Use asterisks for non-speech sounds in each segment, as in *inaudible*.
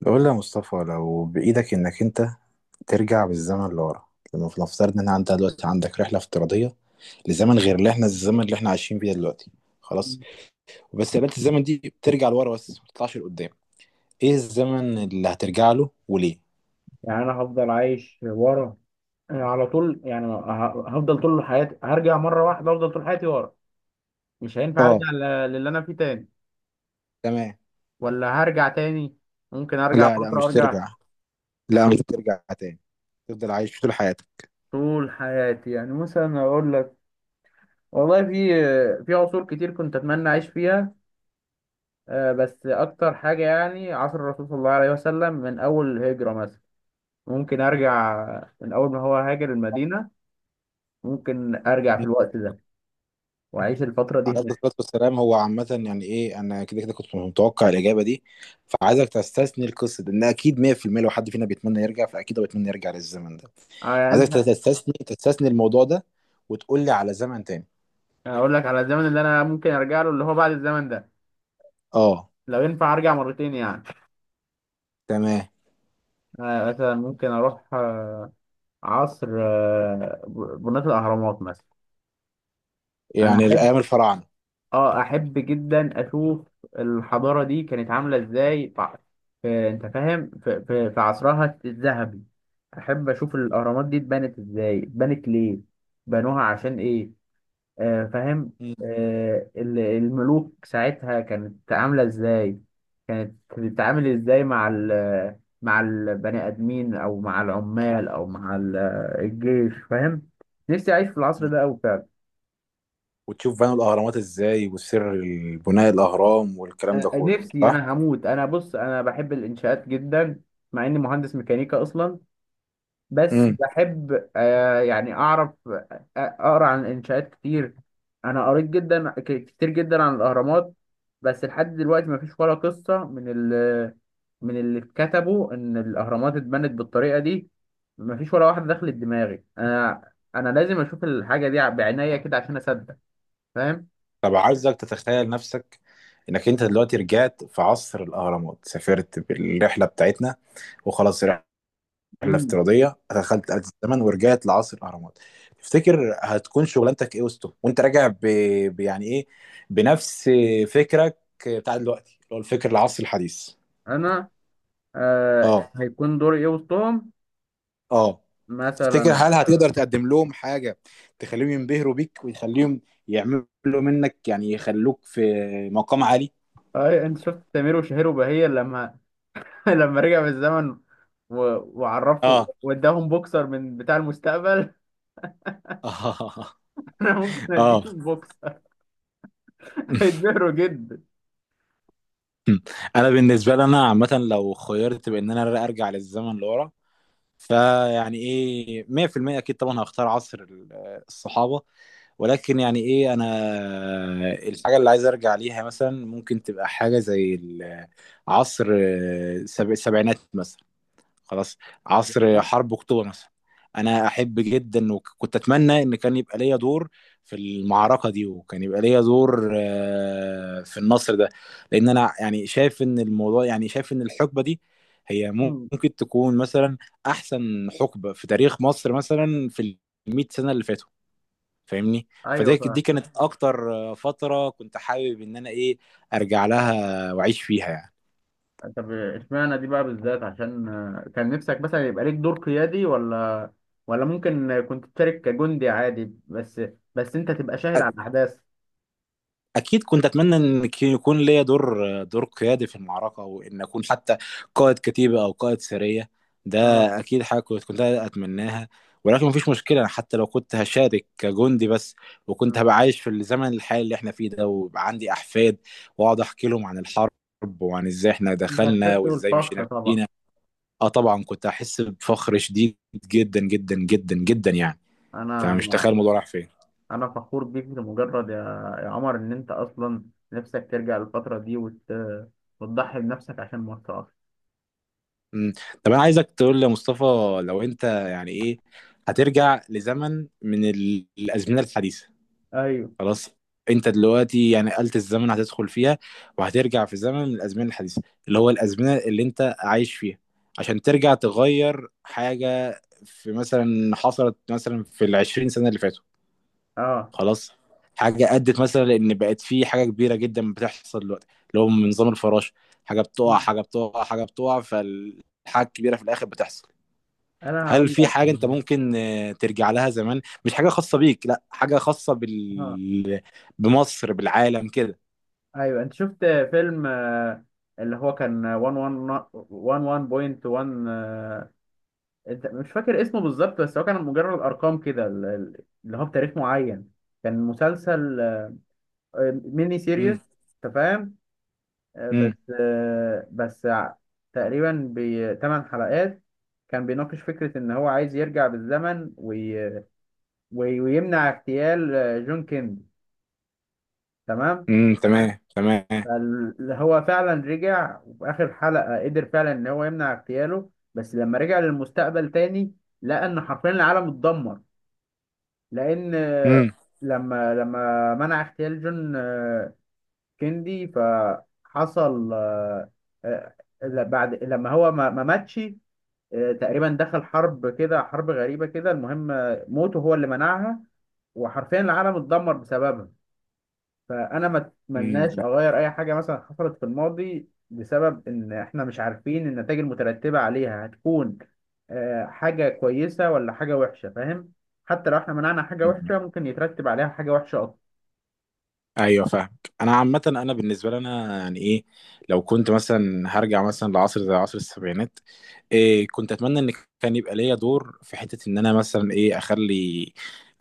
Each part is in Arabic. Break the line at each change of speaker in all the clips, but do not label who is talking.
بقول لي يا مصطفى، لو بإيدك إنك أنت ترجع بالزمن لورا. لما نفترض إن أنت دلوقتي عندك رحلة افتراضية لزمن غير اللي إحنا الزمن اللي إحنا عايشين فيه دلوقتي، خلاص. وبس قابلت الزمن دي بترجع لورا بس ما بتطلعش لقدام. إيه الزمن اللي هترجع له وليه؟
يعني انا هفضل عايش ورا. أنا على طول يعني هفضل طول حياتي، هرجع مره واحده افضل طول حياتي ورا. مش هينفع
اه،
ارجع للي انا فيه تاني
تمام.
ولا هرجع تاني. ممكن ارجع
لا لا،
فتره
مش
وارجع
ترجع. لا، مش ترجع تاني. تفضل عايش طول حياتك.
طول حياتي. يعني مثلا اقول لك، والله في عصور كتير كنت اتمنى اعيش فيها. بس اكتر حاجه يعني عصر الرسول صلى الله عليه وسلم، من اول الهجره مثلا ممكن ارجع، من اول ما هو هاجر المدينه ممكن ارجع في الوقت ده واعيش الفتره دي
عليه
هناك.
الصلاة والسلام. هو عامة يعني ايه، انا كده كده كنت متوقع الإجابة دي. فعايزك تستثني القصة دي ان اكيد 100% لو حد فينا بيتمنى يرجع فاكيد هو بيتمنى يرجع للزمن ده. عايزك
يعني
تستثني الموضوع ده وتقول لي على زمن تاني.
اقول لك على الزمن اللي انا ممكن ارجع له، اللي هو بعد الزمن ده
اه،
لو ينفع ارجع مرتين يعني.
تمام.
أنا مثلا ممكن اروح عصر بناة الاهرامات مثلا. انا
يعني
احب،
الأيام الفراعنة.
اه احب جدا اشوف الحضاره دي كانت عامله ازاي انت فاهم، في عصرها الذهبي. احب اشوف الاهرامات دي اتبنت ازاي، اتبنت ليه، بنوها عشان ايه. آه، فاهم.
مم.
الملوك ساعتها كانت عاملة ازاي، كانت بتتعامل ازاي مع ال، مع البني آدمين او مع العمال او مع الجيش، فاهم. نفسي اعيش في العصر
مم.
ده أوي فعلا.
وتشوف بنوا الأهرامات ازاي وسر بناء الأهرام والكلام ده كله،
نفسي
صح؟
انا هموت، انا بص انا بحب الانشاءات جدا، مع اني مهندس ميكانيكا اصلا. بس
امم.
بحب آه يعني اعرف، اقرا عن الانشاءات كتير. انا قريت جدا كتير جدا عن الاهرامات، بس لحد دلوقتي ما فيش ولا قصه من ال، من اللي اتكتبوا ان الاهرامات اتبنت بالطريقه دي. ما فيش ولا واحده دخلت دماغي انا. انا لازم اشوف الحاجه دي بعناية كده عشان اصدق، فاهم.
طب عايزك تتخيل نفسك انك انت دلوقتي رجعت في عصر الأهرامات، سافرت بالرحلة بتاعتنا وخلاص. رحلة
امم.
افتراضية، دخلت آلة الزمن ورجعت لعصر الأهرامات. تفتكر هتكون شغلانتك إيه وسطهم وأنت راجع يعني إيه، بنفس فكرك بتاع دلوقتي اللي هو الفكر العصري الحديث؟
انا آه
أه،
هيكون دوري ايه وسطهم؟
أه. تفتكر
مثلا
هل هتقدر تقدم لهم حاجة تخليهم ينبهروا بيك ويخليهم يعملوا منك، يعني يخلوك في مقام عالي؟
اي انت شفت تامر وشهير وبهية لما *laughs* لما رجع بالزمن و... وعرفه
اه،
واداهم بوكسر من بتاع المستقبل،
اه،
*laughs* انا ممكن
اه.
اديهم بوكسر، *laughs* هيتبهروا جدا.
*laughs* انا بالنسبه لي، انا عامه لو خيرت بان انا ارجع للزمن لورا فيعني ايه 100% اكيد طبعا هختار عصر الصحابه. ولكن يعني ايه، انا الحاجه اللي عايز ارجع ليها مثلا ممكن تبقى حاجه زي عصر السبعينات مثلا. خلاص. عصر حرب اكتوبر مثلا. انا احب جدا وكنت اتمنى ان كان يبقى ليا دور في المعركه دي، وكان يبقى ليا دور في النصر ده. لان انا يعني شايف ان الموضوع، يعني شايف ان الحقبه دي هي
مم.
ممكن تكون مثلا احسن حقبه في تاريخ مصر مثلا في ال 100 سنه اللي فاتوا، فاهمني.
*laughs* ايوه
فده
فاهم.
دي كانت اكتر فتره كنت حابب ان انا ايه، ارجع لها واعيش فيها يعني.
طب اشمعنى دي بقى بالذات؟ عشان آه، كان نفسك مثلا يبقى ليك دور قيادي، ولا ممكن كنت تشارك كجندي عادي بس، بس انت تبقى شاهد على الاحداث؟
اكيد كنت اتمنى ان يكون ليا دور قيادي في المعركه، وان اكون حتى قائد كتيبه او قائد سريه ده.
اه.
اكيد حاجه كنت اتمناها. ولكن مفيش مشكله، أنا حتى لو كنت هشارك كجندي بس، وكنت
آه.
هبقى عايش في الزمن الحالي اللي احنا فيه ده ويبقى عندي احفاد واقعد احكي لهم عن الحرب وعن ازاي احنا
انت
دخلنا
هتحس
وازاي
بالفخر
مشينا
طبعا.
فينا. اه طبعا كنت هحس بفخر شديد، جدا جدا جدا جدا يعني. انت مش
انا
تخيل الموضوع راح فين.
انا فخور بيك لمجرد، يا يا عمر ان انت اصلا نفسك ترجع للفتره دي وتضحي بنفسك عشان مصر اصلا.
مم. طب انا عايزك تقول لي يا مصطفى، لو انت يعني ايه هترجع لزمن من الازمنه الحديثه،
ايوه.
خلاص. انت دلوقتي يعني آلة الزمن هتدخل فيها وهترجع في زمن من الازمنه الحديثه اللي هو الازمنه اللي انت عايش فيها، عشان ترجع تغير حاجه في مثلا حصلت مثلا في العشرين سنه اللي فاتوا،
اه.
خلاص. حاجه ادت مثلا ان بقت في حاجه كبيره جدا بتحصل دلوقتي، اللي هو من نظام الفراشه. حاجه بتقع،
مم.
حاجه بتقع، حاجه بتقع، فالحاجه الكبيره في الاخر بتحصل.
انا
هل
هقول
في
لك
حاجة أنت
هو.
ممكن ترجع لها زمان، مش حاجة خاصة بيك، لا حاجة خاصة
اه.
بمصر، بالعالم كده.
ايوه انت شفت فيلم، آه، اللي هو كان 11.1، آه، انت مش فاكر اسمه بالظبط، بس هو كان مجرد ارقام كده، اللي هو بتاريخ معين، كان مسلسل، آه، ميني سيريس،
امم،
انت فاهم. آه،
امم،
بس، آه، تقريبا بثمان حلقات. كان بيناقش فكرة إن هو عايز يرجع بالزمن ويمنع اغتيال، آه، جون كيندي، تمام.
امم، تمام، تمام.
هو فعلا رجع، وفي آخر حلقة قدر فعلا إن هو يمنع اغتياله، بس لما رجع للمستقبل تاني لقى إن حرفيا العالم اتدمر، لأن آه،
امم.
لما منع اغتيال جون، آه، كيندي، فحصل آه، آه، بعد لما هو ما ماتش، آه، تقريبا دخل حرب كده، حرب غريبة كده، المهم آه، موته هو اللي منعها، وحرفيا العالم اتدمر بسببها. فأنا ما أتمناش أغير أي حاجة مثلا حصلت في الماضي، بسبب إن إحنا مش عارفين النتائج المترتبة عليها هتكون، آه، حاجة كويسة ولا حاجة وحشة، فاهم. حتى لو إحنا منعنا حاجة
امم،
وحشة، ممكن يترتب عليها حاجة وحشة أكتر.
ايوه فاهمك. انا عامه انا بالنسبه لي انا يعني ايه، لو كنت مثلا هرجع مثلا لعصر زي عصر السبعينات، إيه كنت اتمنى ان كان يبقى ليا دور في حته، ان انا مثلا ايه اخلي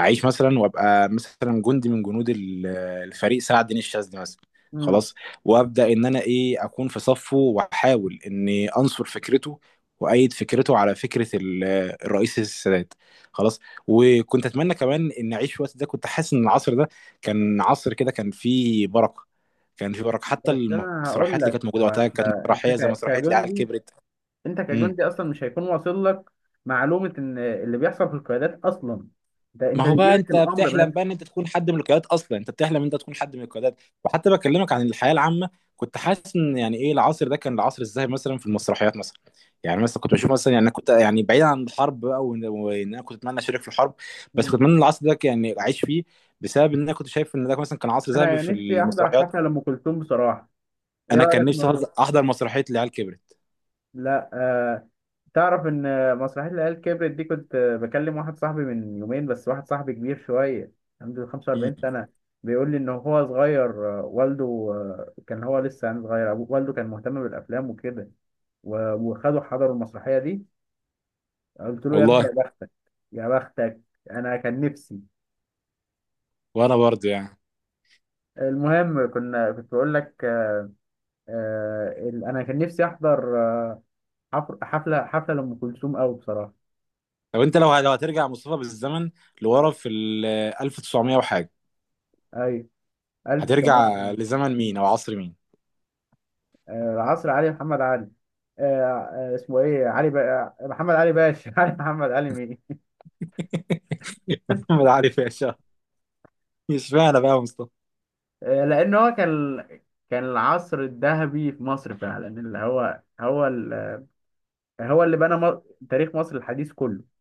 اعيش مثلا وابقى مثلا جندي من جنود الفريق سعد دين الشاذلي مثلا.
مم.
خلاص. وابدا ان انا ايه اكون في صفه واحاول اني انصر فكرته وايد فكرته على فكره الرئيس السادات. خلاص. وكنت اتمنى كمان ان اعيش في الوقت ده. كنت حاسس ان العصر ده كان عصر كده، كان فيه بركه. كان فيه بركه، حتى
بس أنا هقول
المسرحيات اللي
لك
كانت موجوده
هو،
وقتها كانت مسرحيه زي مسرحيه العيال
كجندي،
كبرت.
انت
امم.
كجندي اصلا مش هيكون واصل لك معلومه ان اللي بيحصل في القيادات اصلا، انت
ما هو
بيجي
بقى
لك
انت
الامر
بتحلم
بس.
بقى ان انت تكون حد من القيادات اصلا، انت بتحلم ان انت تكون حد من القيادات. وحتى بكلمك عن الحياه العامه، كنت حاسس ان يعني ايه العصر ده كان العصر ازاي، مثلا في المسرحيات مثلا. يعني مثلا كنت بشوف مثلا، يعني انا كنت يعني بعيد عن الحرب بقى، وإن انا كنت اتمنى اشارك في الحرب. بس كنت
مم.
اتمنى العصر ده يعني اعيش فيه بسبب ان انا كنت شايف ان ده مثلا كان عصر ذهبي
انا
في
نفسي احضر
المسرحيات.
حفله لام كلثوم بصراحه، ايه
انا كان
رايك
نفسي
نروح؟
احضر مسرحيه العيال كبرت.
لا آه، تعرف ان مسرحيه العيال كبرت دي، كنت بكلم واحد صاحبي من يومين، بس واحد صاحبي كبير شويه، عنده
مم.
45 سنه، بيقول لي ان هو صغير، آه، والده، آه، كان هو لسه يعني صغير، والده كان مهتم بالافلام وكده، وخدوا حضروا المسرحيه دي. قلت له يا ابني
والله.
يا بختك، يا بختك، انا كان نفسي.
وانا برضه يعني.
المهم كنا كنت بقول لك، آه ال- انا كان نفسي احضر، آه، حفله حفله لام كلثوم قوي بصراحه.
طب انت لو هترجع مصطفى بالزمن لورا في ال 1900 وحاجه،
ايوه. الف
هترجع
سلامة.
لزمن مين او عصر مين؟
آه العصر علي محمد علي، آه، آه، اسمه ايه؟ علي بقى محمد علي باشا، *laughs* علي محمد علي مين.
*laughs* محمد علي باشا. مش معنى بقى يا مصطفى.
آه لان هو كان، كان العصر الذهبي في مصر فعلا، اللي هو هو ال، هو اللي بنى تاريخ مصر الحديث كله،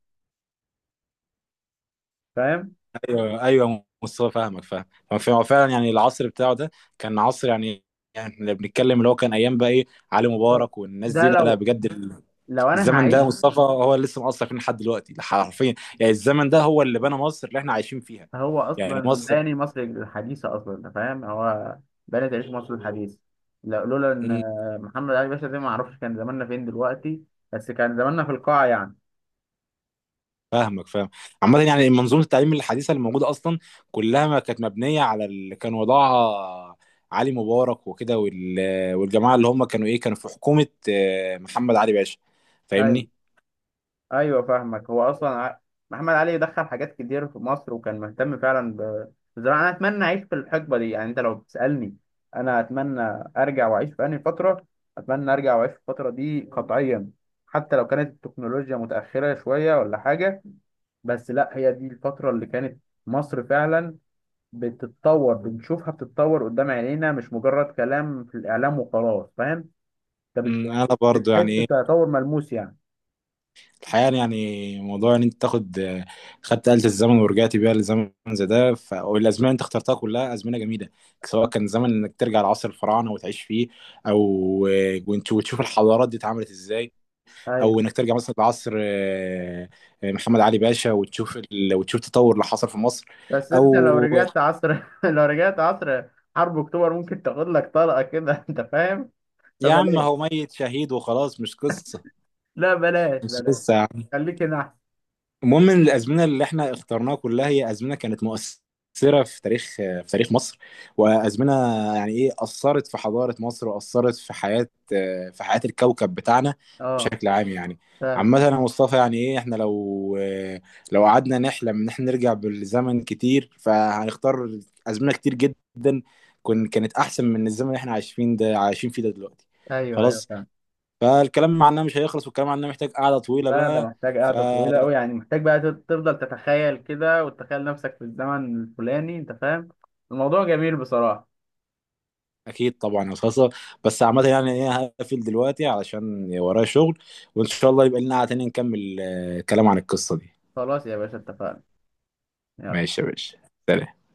فاهم.
ايوه، ايوه مصطفى فاهمك فاهم. هو فعلاً يعني العصر بتاعه ده كان عصر، يعني يعني اللي بنتكلم اللي هو كان ايام بقى ايه، علي مبارك والناس
ده
دي. لا لا
لو،
بجد،
لو انا
الزمن ده
هعيش،
مصطفى هو اللي لسه مأثر فينا لحد دلوقتي، حرفيا. يعني الزمن ده هو اللي بنى مصر اللي احنا عايشين فيها.
هو
يعني
اصلا
مصر.
باني مصر الحديثه اصلا، انت فاهم، هو باني تعيش مصر الحديثه. لا، لولا ان محمد علي باشا ده ما اعرفش كان زماننا فين دلوقتي، بس كان زماننا في القاع يعني.
فاهمك فاهم. عامة يعني منظومة التعليم الحديثة اللي موجودة أصلا كلها ما كانت مبنية على اللي كان وضعها علي مبارك وكده والجماعة اللي هم كانوا إيه كانوا في حكومة محمد علي باشا،
اي،
فاهمني؟
ايوه فاهمك، هو اصلا ع-، محمد علي دخل حاجات كتير في مصر، وكان مهتم فعلا ب-، بالزراعه. انا اتمنى اعيش في الحقبه دي يعني، انت لو بتسالني انا اتمنى ارجع واعيش في انهي فتره، اتمنى ارجع واعيش في الفتره دي قطعيا، حتى لو كانت التكنولوجيا متاخره شويه ولا حاجه، بس لا، هي دي الفترة اللي كانت مصر فعلا بتتطور، بنشوفها بتتطور قدام عينينا، مش مجرد كلام في الإعلام وخلاص، فاهم؟
أمم، أنا برضو
بتحس
يعني إيه
بتطور ملموس يعني.
الحقيقة، يعني موضوع إن أنت تاخد آه، خدت آلة الزمن ورجعت بيها لزمن زي ده، والأزمنة اللي أنت اخترتها كلها أزمنة جميلة. سواء كان زمن إنك ترجع لعصر الفراعنة وتعيش فيه، أو وتشوف الحضارات دي اتعملت إزاي،
أيوة.
او انك ترجع مثلا لعصر محمد علي باشا وتشوف وتشوف التطور اللي حصل في مصر.
بس أنت *laughs* لو
او
رجعت عصر *laughs* لو رجعت عصر حرب أكتوبر ممكن تاخد لك طلقة كده، *laughs* أنت فاهم؟
يا عم
فبلاش،
هو ميت شهيد وخلاص، مش قصه.
لا بلاش
مش
بلاش،
قصه.
خليك هنا أحسن.
المهم ان الازمنه اللي احنا اخترناها كلها هي ازمنه كانت مؤثره في تاريخ مصر. وازمنه يعني ايه اثرت في حضاره مصر، واثرت في حياه الكوكب بتاعنا
أه
بشكل عام يعني.
فعلا.
عامة يا مصطفى يعني ايه، احنا لو قعدنا نحلم ان احنا نرجع بالزمن كتير فهنختار ازمنه كتير جدا، كانت احسن من الزمن اللي احنا عايشين فيه ده دلوقتي.
أيوه
خلاص.
فعلا.
فالكلام عنها مش هيخلص، والكلام عنها محتاج قعدة طويلة
لا ده
بقى.
محتاج
ف
قعدة طويلة أوي يعني، محتاج بقى تفضل تتخيل كده وتتخيل نفسك في الزمن الفلاني، أنت فاهم، الموضوع جميل بصراحة.
اكيد طبعا يا صاصه. بس عامه يعني ايه هقفل دلوقتي علشان ورايا شغل، وان شاء الله يبقى لنا قعده تانية نكمل كلام عن القصه دي.
خلاص يا باشا اتفقنا. يلا.
ماشي يا باشا. سلام.